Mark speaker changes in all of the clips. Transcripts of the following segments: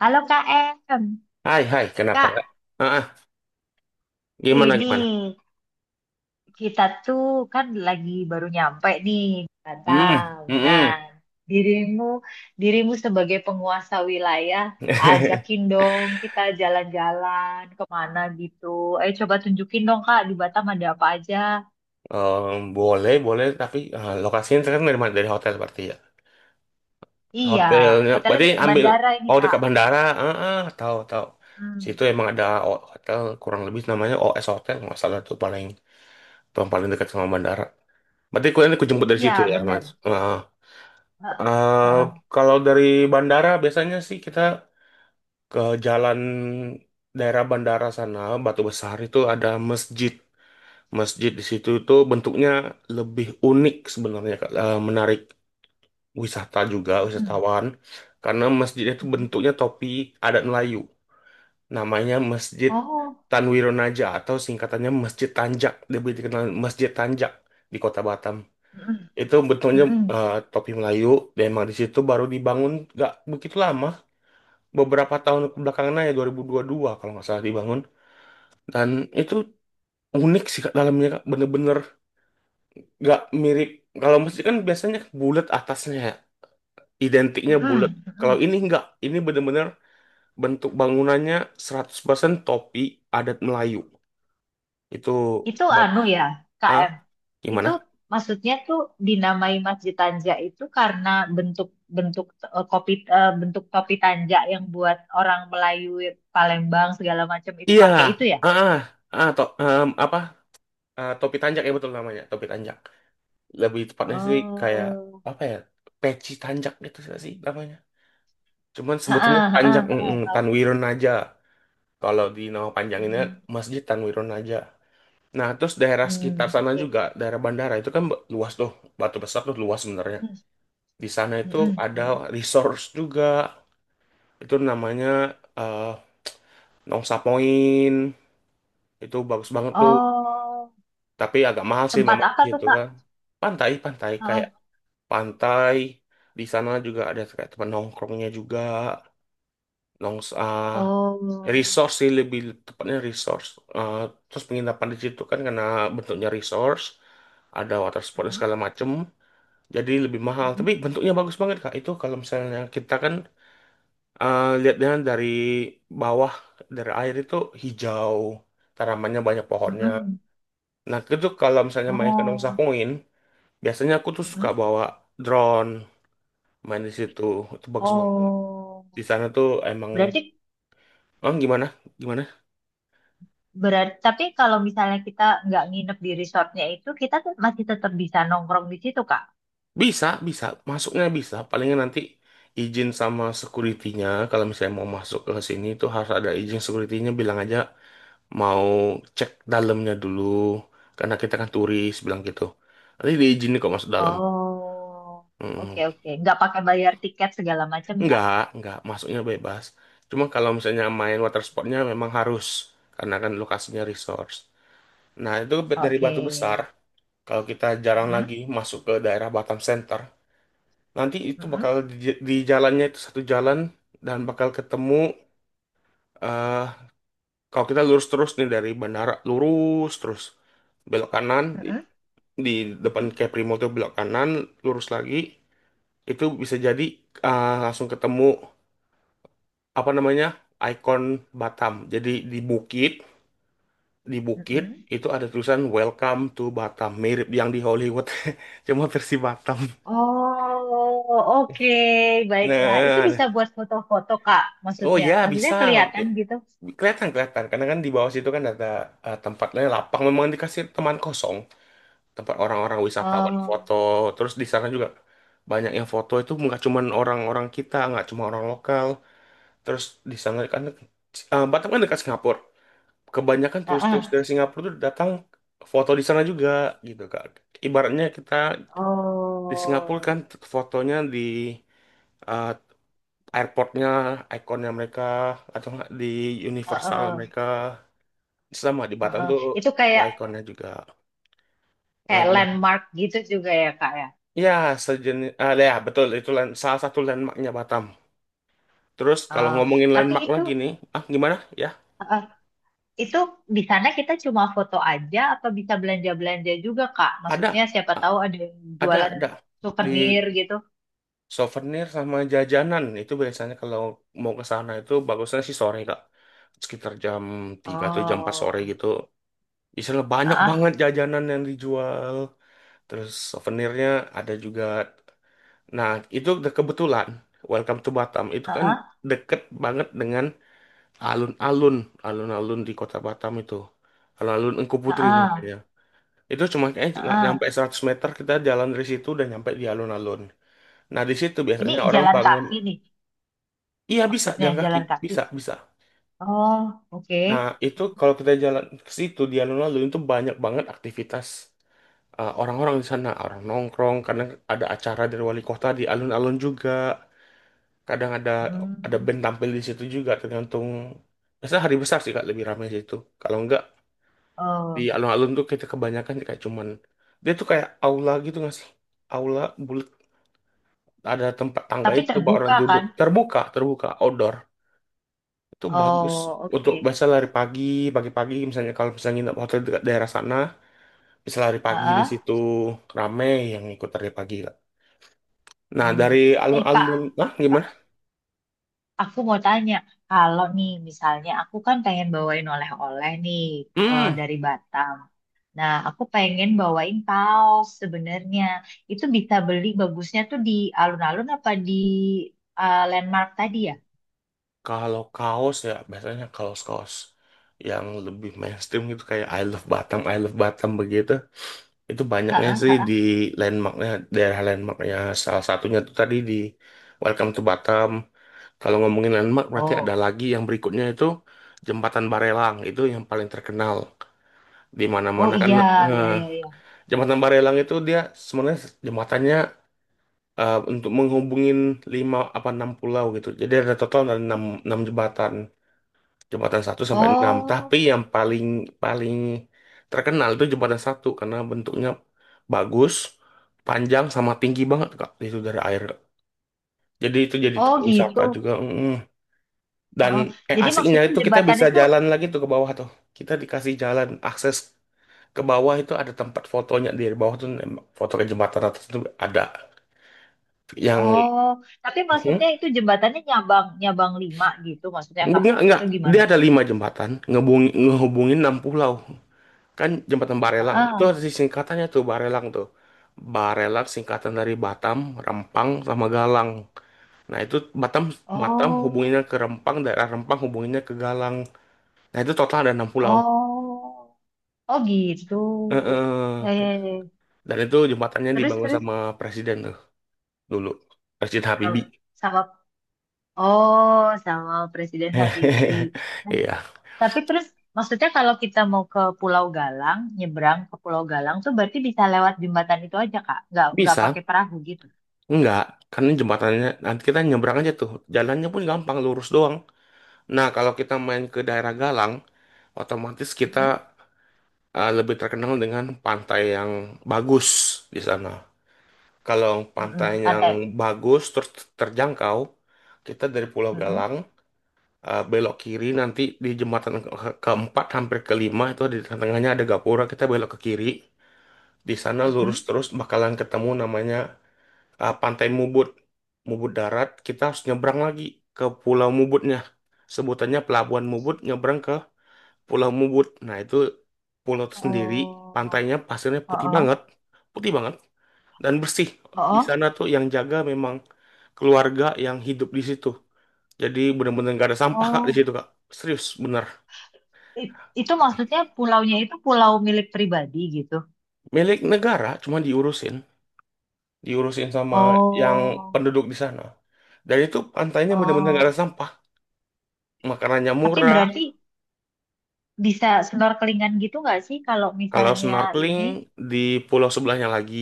Speaker 1: Halo Kak Em,
Speaker 2: Hai, hai, kenapa
Speaker 1: Kak
Speaker 2: Kak? Ah, ah, gimana,
Speaker 1: ini
Speaker 2: gimana?
Speaker 1: kita tuh kan lagi baru nyampe nih
Speaker 2: Hmm,
Speaker 1: Batam.
Speaker 2: hmm,
Speaker 1: Nah,
Speaker 2: hmm.
Speaker 1: dirimu dirimu sebagai penguasa wilayah, ajakin dong kita jalan-jalan kemana gitu. Ayo coba tunjukin dong Kak di Batam ada apa aja.
Speaker 2: Boleh, boleh, tapi eh, lokasinya kan dari mana? Dari hotel berarti ya.
Speaker 1: Iya,
Speaker 2: Hotelnya,
Speaker 1: hotelnya
Speaker 2: berarti
Speaker 1: dekat
Speaker 2: ambil,
Speaker 1: bandara ini
Speaker 2: oh
Speaker 1: Kak.
Speaker 2: dekat bandara, ah, ah, tahu, tahu. Situ
Speaker 1: Hmm,
Speaker 2: emang ada hotel, kurang lebih namanya OS Hotel, nggak salah tuh paling paling dekat sama bandara. Berarti kalian aku jemput dari situ
Speaker 1: iya
Speaker 2: ya,
Speaker 1: bener.
Speaker 2: Mas. Ah,
Speaker 1: Heeh,
Speaker 2: eh,
Speaker 1: heeh.
Speaker 2: kalau dari bandara biasanya sih kita ke jalan daerah bandara sana, Batu Besar itu ada masjid. Masjid di situ itu bentuknya lebih unik sebenarnya, Kak. Eh, menarik wisata juga
Speaker 1: Mm-mm,
Speaker 2: wisatawan karena masjidnya itu
Speaker 1: mm-mm.
Speaker 2: bentuknya topi adat Melayu. Namanya Masjid
Speaker 1: Oh,
Speaker 2: Tanwironaja atau singkatannya Masjid Tanjak. Lebih dikenal Masjid Tanjak di Kota Batam.
Speaker 1: mm-mm,
Speaker 2: Itu bentuknya
Speaker 1: mm-mm,
Speaker 2: eh, topi Melayu dan emang di situ baru dibangun nggak begitu lama, beberapa tahun belakangan aja 2022 kalau nggak salah dibangun. Dan itu unik sih Kak, dalamnya Kak. Bener-bener nggak mirip, kalau musik kan biasanya bulat atasnya ya, identiknya bulat.
Speaker 1: mm-mm,
Speaker 2: Kalau
Speaker 1: mm-mm.
Speaker 2: ini nggak, ini bener-bener bentuk bangunannya 100% topi adat Melayu itu.
Speaker 1: Itu
Speaker 2: bang
Speaker 1: anu ya,
Speaker 2: ah,
Speaker 1: KM. Itu
Speaker 2: gimana?
Speaker 1: maksudnya tuh dinamai Masjid Tanja itu karena bentuk bentuk kopi bentuk topi tanja yang buat orang Melayu Palembang segala macam itu
Speaker 2: Iya,
Speaker 1: pakai itu ya.
Speaker 2: ah, ah, ah, apa. Ah, topi tanjak ya, betul namanya topi tanjak, lebih tepatnya sih kayak
Speaker 1: Oh,
Speaker 2: apa ya, peci tanjak gitu nggak sih namanya, cuman sebutannya
Speaker 1: heeh,
Speaker 2: tanjak
Speaker 1: heeh, heeh, tahu.
Speaker 2: Tanwiron aja. Kalau di nama panjanginnya
Speaker 1: Hmm,
Speaker 2: Masjid Tanwiron aja. Nah, terus daerah sekitar
Speaker 1: hmm,
Speaker 2: sana
Speaker 1: oke.
Speaker 2: juga, daerah bandara itu kan luas tuh, Batu Besar tuh luas sebenarnya.
Speaker 1: Mm-mm,
Speaker 2: Di sana itu
Speaker 1: mm-mm,
Speaker 2: ada
Speaker 1: mm-mm.
Speaker 2: resource juga, itu namanya eh, Nongsa Point, itu bagus banget tuh.
Speaker 1: Oh,
Speaker 2: Tapi agak mahal sih
Speaker 1: tempat
Speaker 2: memang
Speaker 1: apa tuh
Speaker 2: gitu
Speaker 1: Kak?
Speaker 2: kan. Pantai, pantai kayak
Speaker 1: Heeh.
Speaker 2: pantai di sana juga ada kayak tempat nongkrongnya juga, nongsa
Speaker 1: Oh,
Speaker 2: resource sih lebih tepatnya resource. Eh, terus penginapan di situ kan karena bentuknya resource, ada water sportnya
Speaker 1: mm-mm,
Speaker 2: segala macem. Jadi lebih mahal,
Speaker 1: mm-mm,
Speaker 2: tapi bentuknya bagus banget Kak. Itu kalau misalnya kita kan eh, lihatnya dari bawah dari air itu hijau, tanamannya banyak pohonnya.
Speaker 1: mm-mm.
Speaker 2: Nah, itu kalau misalnya main ke Nongsa
Speaker 1: Oh,
Speaker 2: Point, biasanya aku tuh suka
Speaker 1: mm-mm.
Speaker 2: bawa drone main di situ. Itu bagus banget.
Speaker 1: Oh,
Speaker 2: Di sana tuh emang
Speaker 1: berarti
Speaker 2: oh, gimana? Gimana?
Speaker 1: Berarti, tapi kalau misalnya kita nggak nginep di resortnya itu, kita tuh masih tetap bisa nongkrong di situ, Kak.
Speaker 2: Bisa, bisa. Masuknya bisa. Palingnya nanti izin sama security-nya, kalau misalnya mau masuk ke sini itu harus ada izin security-nya bilang aja mau cek dalamnya dulu karena kita kan turis bilang gitu nanti diizinin kok masuk dalam.
Speaker 1: Oh, oke
Speaker 2: Mm.
Speaker 1: oke. Nggak pakai bayar tiket segala macam ya?
Speaker 2: Nggak masuknya bebas, cuma kalau misalnya main water sportnya memang harus karena kan lokasinya resource. Nah itu dari
Speaker 1: Oke.
Speaker 2: Batu Besar kalau kita jarang
Speaker 1: Mm-mm,
Speaker 2: lagi masuk ke daerah Batam Center, nanti itu
Speaker 1: mm-mm,
Speaker 2: bakal di jalannya itu satu jalan dan bakal ketemu eh, kalau kita lurus terus nih dari bandara lurus terus belok kanan
Speaker 1: mm-mm,
Speaker 2: di depan
Speaker 1: mm-mm,
Speaker 2: Capri Mall tuh belok kanan lurus lagi itu bisa jadi ah, langsung ketemu apa namanya ikon Batam, jadi di bukit, di bukit
Speaker 1: mm-mm.
Speaker 2: itu ada tulisan Welcome to Batam mirip yang di Hollywood cuma versi Batam.
Speaker 1: Oh, oke. Baiklah. Itu
Speaker 2: Nah,
Speaker 1: bisa
Speaker 2: nah.
Speaker 1: buat foto-foto, Kak,
Speaker 2: Oh
Speaker 1: maksudnya.
Speaker 2: ya
Speaker 1: Maksudnya
Speaker 2: bisa.
Speaker 1: kelihatan gitu.
Speaker 2: Ya, kelihatan, kelihatan karena kan di bawah situ kan ada eh, tempatnya lapang memang dikasih teman kosong tempat orang-orang wisatawan
Speaker 1: Oh,
Speaker 2: foto. Terus di sana juga banyak yang foto itu nggak cuman orang-orang kita, nggak cuma orang lokal. Terus di sana kan eh, Batam kan dekat Singapura. Kebanyakan
Speaker 1: heeh.
Speaker 2: turis-turis dari Singapura tuh datang foto di sana juga gitu Kak. Ibaratnya kita di Singapura
Speaker 1: Oh,
Speaker 2: kan fotonya di eh, airportnya, ikonnya mereka, atau nggak di Universal
Speaker 1: heeh,
Speaker 2: mereka, sama di Batam
Speaker 1: heeh.
Speaker 2: tuh
Speaker 1: Itu kayak
Speaker 2: ikonnya juga. Nah,
Speaker 1: kayak
Speaker 2: gimana?
Speaker 1: landmark gitu juga ya, Kak, ya?
Speaker 2: Ya, sejenis, ah, ya betul itu land, salah satu landmarknya Batam. Terus kalau
Speaker 1: Oh,
Speaker 2: ngomongin
Speaker 1: tapi
Speaker 2: landmark
Speaker 1: itu
Speaker 2: lagi nih, ah, gimana? Ya,
Speaker 1: eh, itu di sana kita cuma foto aja apa bisa belanja-belanja juga Kak?
Speaker 2: ada.
Speaker 1: Maksudnya siapa
Speaker 2: Ah,
Speaker 1: tahu ada yang jualan
Speaker 2: ada di.
Speaker 1: souvenir gitu.
Speaker 2: Souvenir sama jajanan itu biasanya kalau mau ke sana itu bagusnya sih sore Kak. Sekitar jam 3 atau jam 4 sore
Speaker 1: Oh,
Speaker 2: gitu. Biasanya banyak
Speaker 1: ah,
Speaker 2: banget jajanan yang dijual. Terus souvenirnya ada juga. Nah, itu udah kebetulan. Welcome to Batam. Itu kan
Speaker 1: ah,
Speaker 2: deket banget dengan alun-alun. Alun-alun di kota Batam itu. Alun-alun Engku Putri namanya.
Speaker 1: ah,
Speaker 2: Itu cuma kayaknya
Speaker 1: ah,
Speaker 2: nggak nyampe
Speaker 1: ah.
Speaker 2: 100 meter kita jalan dari situ udah nyampe di alun-alun. Nah, di situ
Speaker 1: Ini
Speaker 2: biasanya orang
Speaker 1: jalan
Speaker 2: bangun.
Speaker 1: kaki nih,
Speaker 2: Iya, bisa
Speaker 1: maksudnya
Speaker 2: jalan kaki,
Speaker 1: jalan kaki.
Speaker 2: bisa, bisa.
Speaker 1: Oh, oke.
Speaker 2: Nah itu kalau kita jalan ke situ di alun-alun itu banyak banget aktivitas, eh, orang-orang di sana, orang nongkrong, kadang ada acara dari wali kota di alun-alun juga, kadang ada
Speaker 1: Hmm,
Speaker 2: band tampil di situ juga tergantung. Biasanya hari besar sih kak lebih ramai di situ. Kalau enggak di
Speaker 1: oh,
Speaker 2: alun-alun tuh kita kebanyakan kayak cuman dia tuh kayak aula gitu nggak sih? Aula bulat ada tempat
Speaker 1: tapi
Speaker 2: tangganya itu buat orang
Speaker 1: terbuka kan?
Speaker 2: duduk terbuka, terbuka outdoor. Itu bagus
Speaker 1: Oh,
Speaker 2: untuk
Speaker 1: oke.
Speaker 2: bisa lari pagi, pagi-pagi misalnya kalau misalnya nginep hotel dekat daerah sana, bisa lari
Speaker 1: Ah,
Speaker 2: pagi di
Speaker 1: ah.
Speaker 2: situ, rame yang ikut lari pagi lah. Nah,
Speaker 1: Hmm.
Speaker 2: dari
Speaker 1: Eh Kak.
Speaker 2: alun-alun, nah gimana?
Speaker 1: Aku mau tanya, kalau nih misalnya aku kan pengen bawain oleh-oleh nih
Speaker 2: Hmm,
Speaker 1: dari Batam. Nah, aku pengen bawain kaos sebenarnya. Itu bisa beli bagusnya tuh di alun-alun apa di landmark tadi ya?
Speaker 2: kalau kaos ya biasanya kaos-kaos yang lebih mainstream gitu kayak I Love Batam, I Love Batam begitu. Itu banyaknya
Speaker 1: Heeh,
Speaker 2: sih di
Speaker 1: heeh.
Speaker 2: landmarknya, daerah landmarknya. Salah satunya tuh tadi di Welcome to Batam. Kalau ngomongin landmark berarti ada
Speaker 1: Oh,
Speaker 2: lagi yang berikutnya itu Jembatan Barelang, itu yang paling terkenal di
Speaker 1: oh
Speaker 2: mana-mana kan.
Speaker 1: iya, iya,
Speaker 2: Nah,
Speaker 1: iya, iya.
Speaker 2: Jembatan Barelang itu dia sebenarnya jembatannya eh, untuk menghubungin lima apa enam pulau gitu. Jadi ada total ada enam enam jembatan, jembatan satu sampai enam. Tapi
Speaker 1: Oh,
Speaker 2: yang paling paling terkenal itu jembatan satu karena bentuknya bagus, panjang sama tinggi banget Kak. Itu dari air. Jadi itu jadi tempat
Speaker 1: oh
Speaker 2: wisata
Speaker 1: gitu.
Speaker 2: juga. Mm. Dan
Speaker 1: Oh,
Speaker 2: eh,
Speaker 1: jadi
Speaker 2: aslinya
Speaker 1: maksudnya
Speaker 2: itu kita
Speaker 1: jembatan
Speaker 2: bisa
Speaker 1: itu,
Speaker 2: jalan lagi tuh ke bawah tuh. Kita dikasih jalan akses ke bawah itu ada tempat fotonya di bawah tuh nembak foto ke jembatan atas itu ada yang.
Speaker 1: oh, tapi
Speaker 2: Hmm?
Speaker 1: maksudnya itu jembatannya nyabang, nyabang lima gitu maksudnya Kak,
Speaker 2: Enggak, enggak.
Speaker 1: atau
Speaker 2: Dia
Speaker 1: gimana?
Speaker 2: ada lima jembatan ngehubungin, ngehubungin enam pulau. Kan jembatan Barelang itu
Speaker 1: Heeh.
Speaker 2: ada di singkatannya tuh. Barelang singkatan dari Batam, Rempang, sama Galang. Nah itu Batam Batam
Speaker 1: Oh.
Speaker 2: hubunginnya ke Rempang, daerah Rempang hubunginnya ke Galang. Nah itu total ada enam pulau.
Speaker 1: Oh, oh gitu.
Speaker 2: Heeh.
Speaker 1: Ya, ya, ya.
Speaker 2: Dan itu jembatannya
Speaker 1: Terus,
Speaker 2: dibangun
Speaker 1: terus
Speaker 2: sama presiden tuh dulu. Presiden Habibie.
Speaker 1: sama, sama oh sama Presiden Habibie. Nah,
Speaker 2: Iya.
Speaker 1: Tapi terus maksudnya kalau kita mau ke Pulau Galang, nyebrang ke Pulau Galang tuh berarti bisa lewat jembatan itu aja Kak, nggak pakai
Speaker 2: Bisa?
Speaker 1: perahu gitu.
Speaker 2: Enggak. Karena jembatannya nanti kita nyebrang aja tuh. Jalannya pun gampang, lurus doang. Nah, kalau kita main ke daerah Galang, otomatis kita
Speaker 1: Mm-mm,
Speaker 2: eh, lebih terkenal dengan pantai yang bagus di sana. Kalau pantai
Speaker 1: mm-mm,
Speaker 2: yang
Speaker 1: Pantai.
Speaker 2: bagus terus terjangkau, kita dari Pulau
Speaker 1: Mm-mm,
Speaker 2: Galang eh, belok kiri nanti di jembatan keempat hampir kelima itu di tengahnya ada gapura kita belok ke kiri di sana lurus
Speaker 1: mm-mm.
Speaker 2: terus bakalan ketemu namanya eh, Pantai Mubut. Mubut darat kita harus nyebrang lagi ke Pulau Mubutnya, sebutannya Pelabuhan Mubut, nyebrang ke Pulau Mubut, nah itu pulau sendiri
Speaker 1: Oh,
Speaker 2: pantainya pasirnya putih banget,
Speaker 1: oh,
Speaker 2: putih banget dan bersih. Di
Speaker 1: oh,
Speaker 2: sana tuh yang jaga memang keluarga yang hidup di situ. Jadi bener-bener gak ada sampah Kak di
Speaker 1: oh,
Speaker 2: situ Kak. Serius bener.
Speaker 1: I- itu maksudnya pulaunya itu pulau milik pribadi gitu.
Speaker 2: Milik negara cuma diurusin, diurusin sama yang
Speaker 1: Oh,
Speaker 2: penduduk di sana. Dan itu pantainya bener-bener gak ada
Speaker 1: oh,
Speaker 2: sampah. Makanannya
Speaker 1: tapi
Speaker 2: murah.
Speaker 1: berarti bisa snorkelingan gitu nggak sih kalau
Speaker 2: Kalau
Speaker 1: misalnya
Speaker 2: snorkeling
Speaker 1: ini?
Speaker 2: di pulau sebelahnya lagi.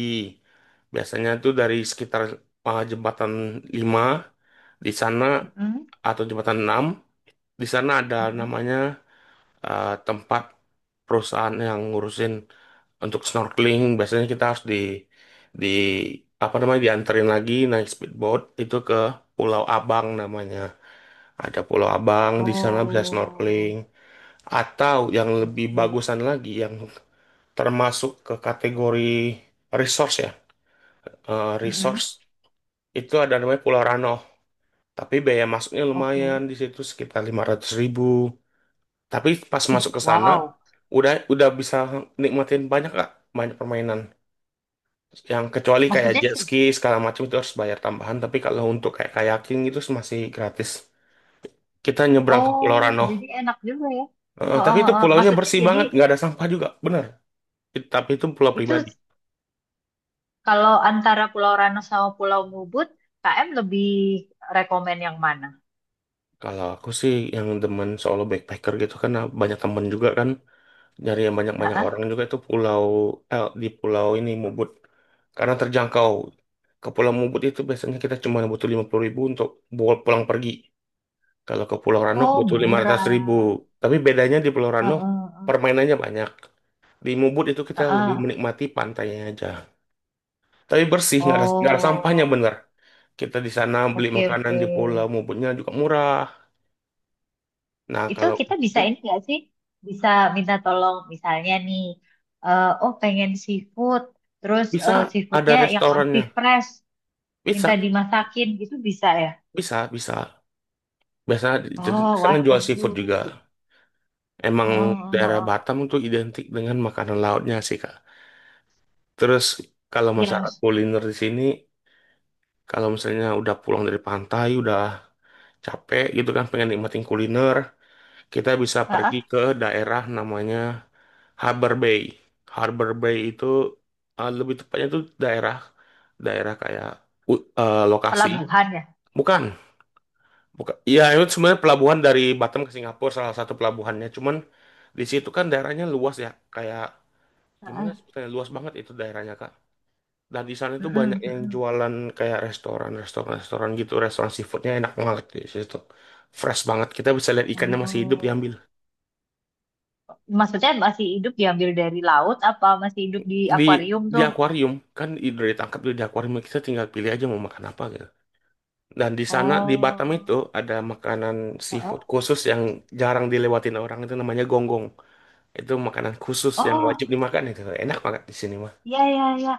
Speaker 2: Biasanya tuh dari sekitar jembatan 5 di sana
Speaker 1: Mm-mm,
Speaker 2: atau jembatan 6 di sana ada
Speaker 1: mm-mm,
Speaker 2: namanya eh, tempat perusahaan yang ngurusin untuk snorkeling biasanya kita harus di apa namanya dianterin lagi naik speedboat itu ke Pulau Abang namanya, ada Pulau Abang di sana bisa snorkeling
Speaker 1: oh,
Speaker 2: atau yang lebih
Speaker 1: oke,
Speaker 2: bagusan lagi yang termasuk ke kategori resource ya eh, resource
Speaker 1: mm-mm.
Speaker 2: itu ada namanya Pulau Rano, tapi biaya masuknya
Speaker 1: Oke.
Speaker 2: lumayan di situ sekitar 500 ribu. Tapi pas
Speaker 1: Uh,
Speaker 2: masuk ke sana
Speaker 1: wow.
Speaker 2: udah bisa nikmatin banyak, gak banyak permainan. Yang kecuali kayak
Speaker 1: Maksudnya,
Speaker 2: jet
Speaker 1: se-
Speaker 2: ski segala macam itu harus bayar tambahan. Tapi kalau untuk kayak kayaking itu masih gratis. Kita nyebrang ke
Speaker 1: oh,
Speaker 2: Pulau Rano.
Speaker 1: jadi enak juga ya.
Speaker 2: Eh,
Speaker 1: Oh,
Speaker 2: tapi
Speaker 1: oh,
Speaker 2: itu
Speaker 1: oh.
Speaker 2: pulaunya
Speaker 1: Maksudnya
Speaker 2: bersih
Speaker 1: jadi
Speaker 2: banget, nggak ada sampah juga, bener. Tapi itu pulau
Speaker 1: itu
Speaker 2: pribadi.
Speaker 1: kalau antara Pulau Rano sama Pulau Mubut, KM lebih rekomen yang mana?
Speaker 2: Kalau aku sih yang demen solo backpacker gitu kan, banyak temen juga kan. Dari yang banyak-banyak
Speaker 1: Heeh.
Speaker 2: orang juga itu pulau eh, di pulau ini Mubut karena terjangkau, ke pulau Mubut itu biasanya kita cuma butuh 50 ribu untuk pulang pergi, kalau ke Pulau Rano
Speaker 1: Oh,
Speaker 2: butuh 500 ribu.
Speaker 1: murah.
Speaker 2: Tapi bedanya di Pulau Rano
Speaker 1: Heeh, heeh,
Speaker 2: permainannya banyak, di Mubut itu kita lebih
Speaker 1: heeh.
Speaker 2: menikmati pantainya aja tapi bersih nggak ada, nggak ada sampahnya
Speaker 1: Oh,
Speaker 2: bener. Kita di sana beli
Speaker 1: oke,
Speaker 2: makanan
Speaker 1: oke.
Speaker 2: di Pulau Mubutnya juga murah. Nah
Speaker 1: Itu
Speaker 2: kalau
Speaker 1: kita bisa
Speaker 2: hmm,
Speaker 1: ini nggak sih bisa minta tolong misalnya nih oh pengen seafood terus
Speaker 2: bisa, ada
Speaker 1: seafoodnya yang masih
Speaker 2: restorannya,
Speaker 1: fresh minta
Speaker 2: bisa,
Speaker 1: dimasakin gitu bisa ya
Speaker 2: bisa, bisa. Biasa jadi-
Speaker 1: oh
Speaker 2: di sana
Speaker 1: wah
Speaker 2: jual
Speaker 1: seru.
Speaker 2: seafood juga. Emang
Speaker 1: Heeh,
Speaker 2: daerah
Speaker 1: heeh.
Speaker 2: Batam itu identik dengan makanan lautnya sih, Kak. Terus kalau
Speaker 1: Yang
Speaker 2: masalah kuliner di sini, kalau misalnya udah pulang dari pantai, udah capek gitu kan, pengen nikmatin kuliner, kita bisa
Speaker 1: heeh,
Speaker 2: pergi ke daerah namanya Harbor Bay. Harbor Bay itu eh, lebih tepatnya tuh daerah daerah kayak eh, lokasi.
Speaker 1: pelabuhan ya.
Speaker 2: Bukan, Buka, iya itu sebenarnya pelabuhan dari Batam ke Singapura salah satu pelabuhannya. Cuman di situ kan daerahnya luas ya, kayak gimana
Speaker 1: Heeh.
Speaker 2: sebetulnya luas banget itu daerahnya Kak. Dan di sana itu banyak
Speaker 1: Mm-mm,
Speaker 2: yang
Speaker 1: mm-mm.
Speaker 2: jualan kayak restoran, restoran, restoran gitu, restoran seafoodnya enak banget di situ. Fresh banget, kita bisa lihat ikannya masih hidup diambil.
Speaker 1: Oh. Maksudnya masih hidup diambil dari laut apa masih hidup di
Speaker 2: Di
Speaker 1: akuarium
Speaker 2: di
Speaker 1: tuh
Speaker 2: akuarium, kan udah ditangkap tuh di akuarium kita tinggal pilih aja mau makan apa gitu. Dan di sana di Batam
Speaker 1: oh.
Speaker 2: itu ada makanan seafood
Speaker 1: Heeh.
Speaker 2: khusus yang jarang dilewatin orang itu namanya gonggong. Itu makanan khusus yang
Speaker 1: Oh
Speaker 2: wajib dimakan itu. Enak banget di sini mah.
Speaker 1: ya, ya, ya.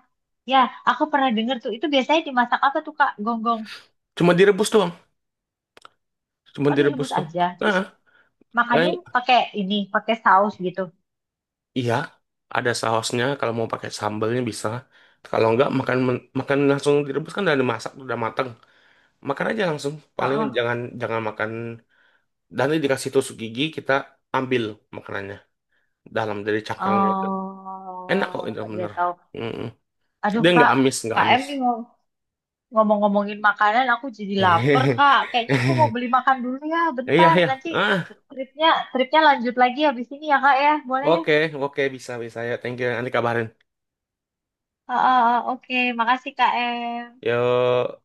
Speaker 1: Ya, aku pernah denger tuh. Itu biasanya dimasak apa tuh, Kak? Gonggong.
Speaker 2: Cuma direbus doang. Cuma
Speaker 1: Oh,
Speaker 2: direbus
Speaker 1: direbus
Speaker 2: doang.
Speaker 1: aja. Terus
Speaker 2: Nah,
Speaker 1: makannya
Speaker 2: paling
Speaker 1: pakai ini, pakai saus gitu.
Speaker 2: iya ada sausnya, kalau mau pakai sambalnya bisa. Kalau enggak makan makan langsung direbus kan udah dimasak udah mateng. Makan aja langsung. Paling
Speaker 1: Heeh.
Speaker 2: jangan jangan makan dan ini dikasih tusuk gigi kita ambil makanannya dalam dari cangkangnya itu. Enak kok
Speaker 1: Oh,
Speaker 2: itu
Speaker 1: ya
Speaker 2: bener.
Speaker 1: tahu.
Speaker 2: Mm-mm.
Speaker 1: Aduh,
Speaker 2: Dia nggak
Speaker 1: Kak.
Speaker 2: amis, nggak
Speaker 1: Kak Em
Speaker 2: amis.
Speaker 1: nih ngom- ngomong-ngomongin makanan, aku jadi lapar, Kak. Kayaknya aku mau beli makan dulu ya,
Speaker 2: Iya,
Speaker 1: bentar.
Speaker 2: iya.
Speaker 1: Nanti
Speaker 2: Ah,
Speaker 1: tripnya, tripnya lanjut lagi habis ini ya, Kak ya. Boleh ya?
Speaker 2: oke, oke, bisa, bisa ya. Thank you. Nanti kabarin.
Speaker 1: Ah, heeh. Oke. Makasih, Kak Em.
Speaker 2: Yuk.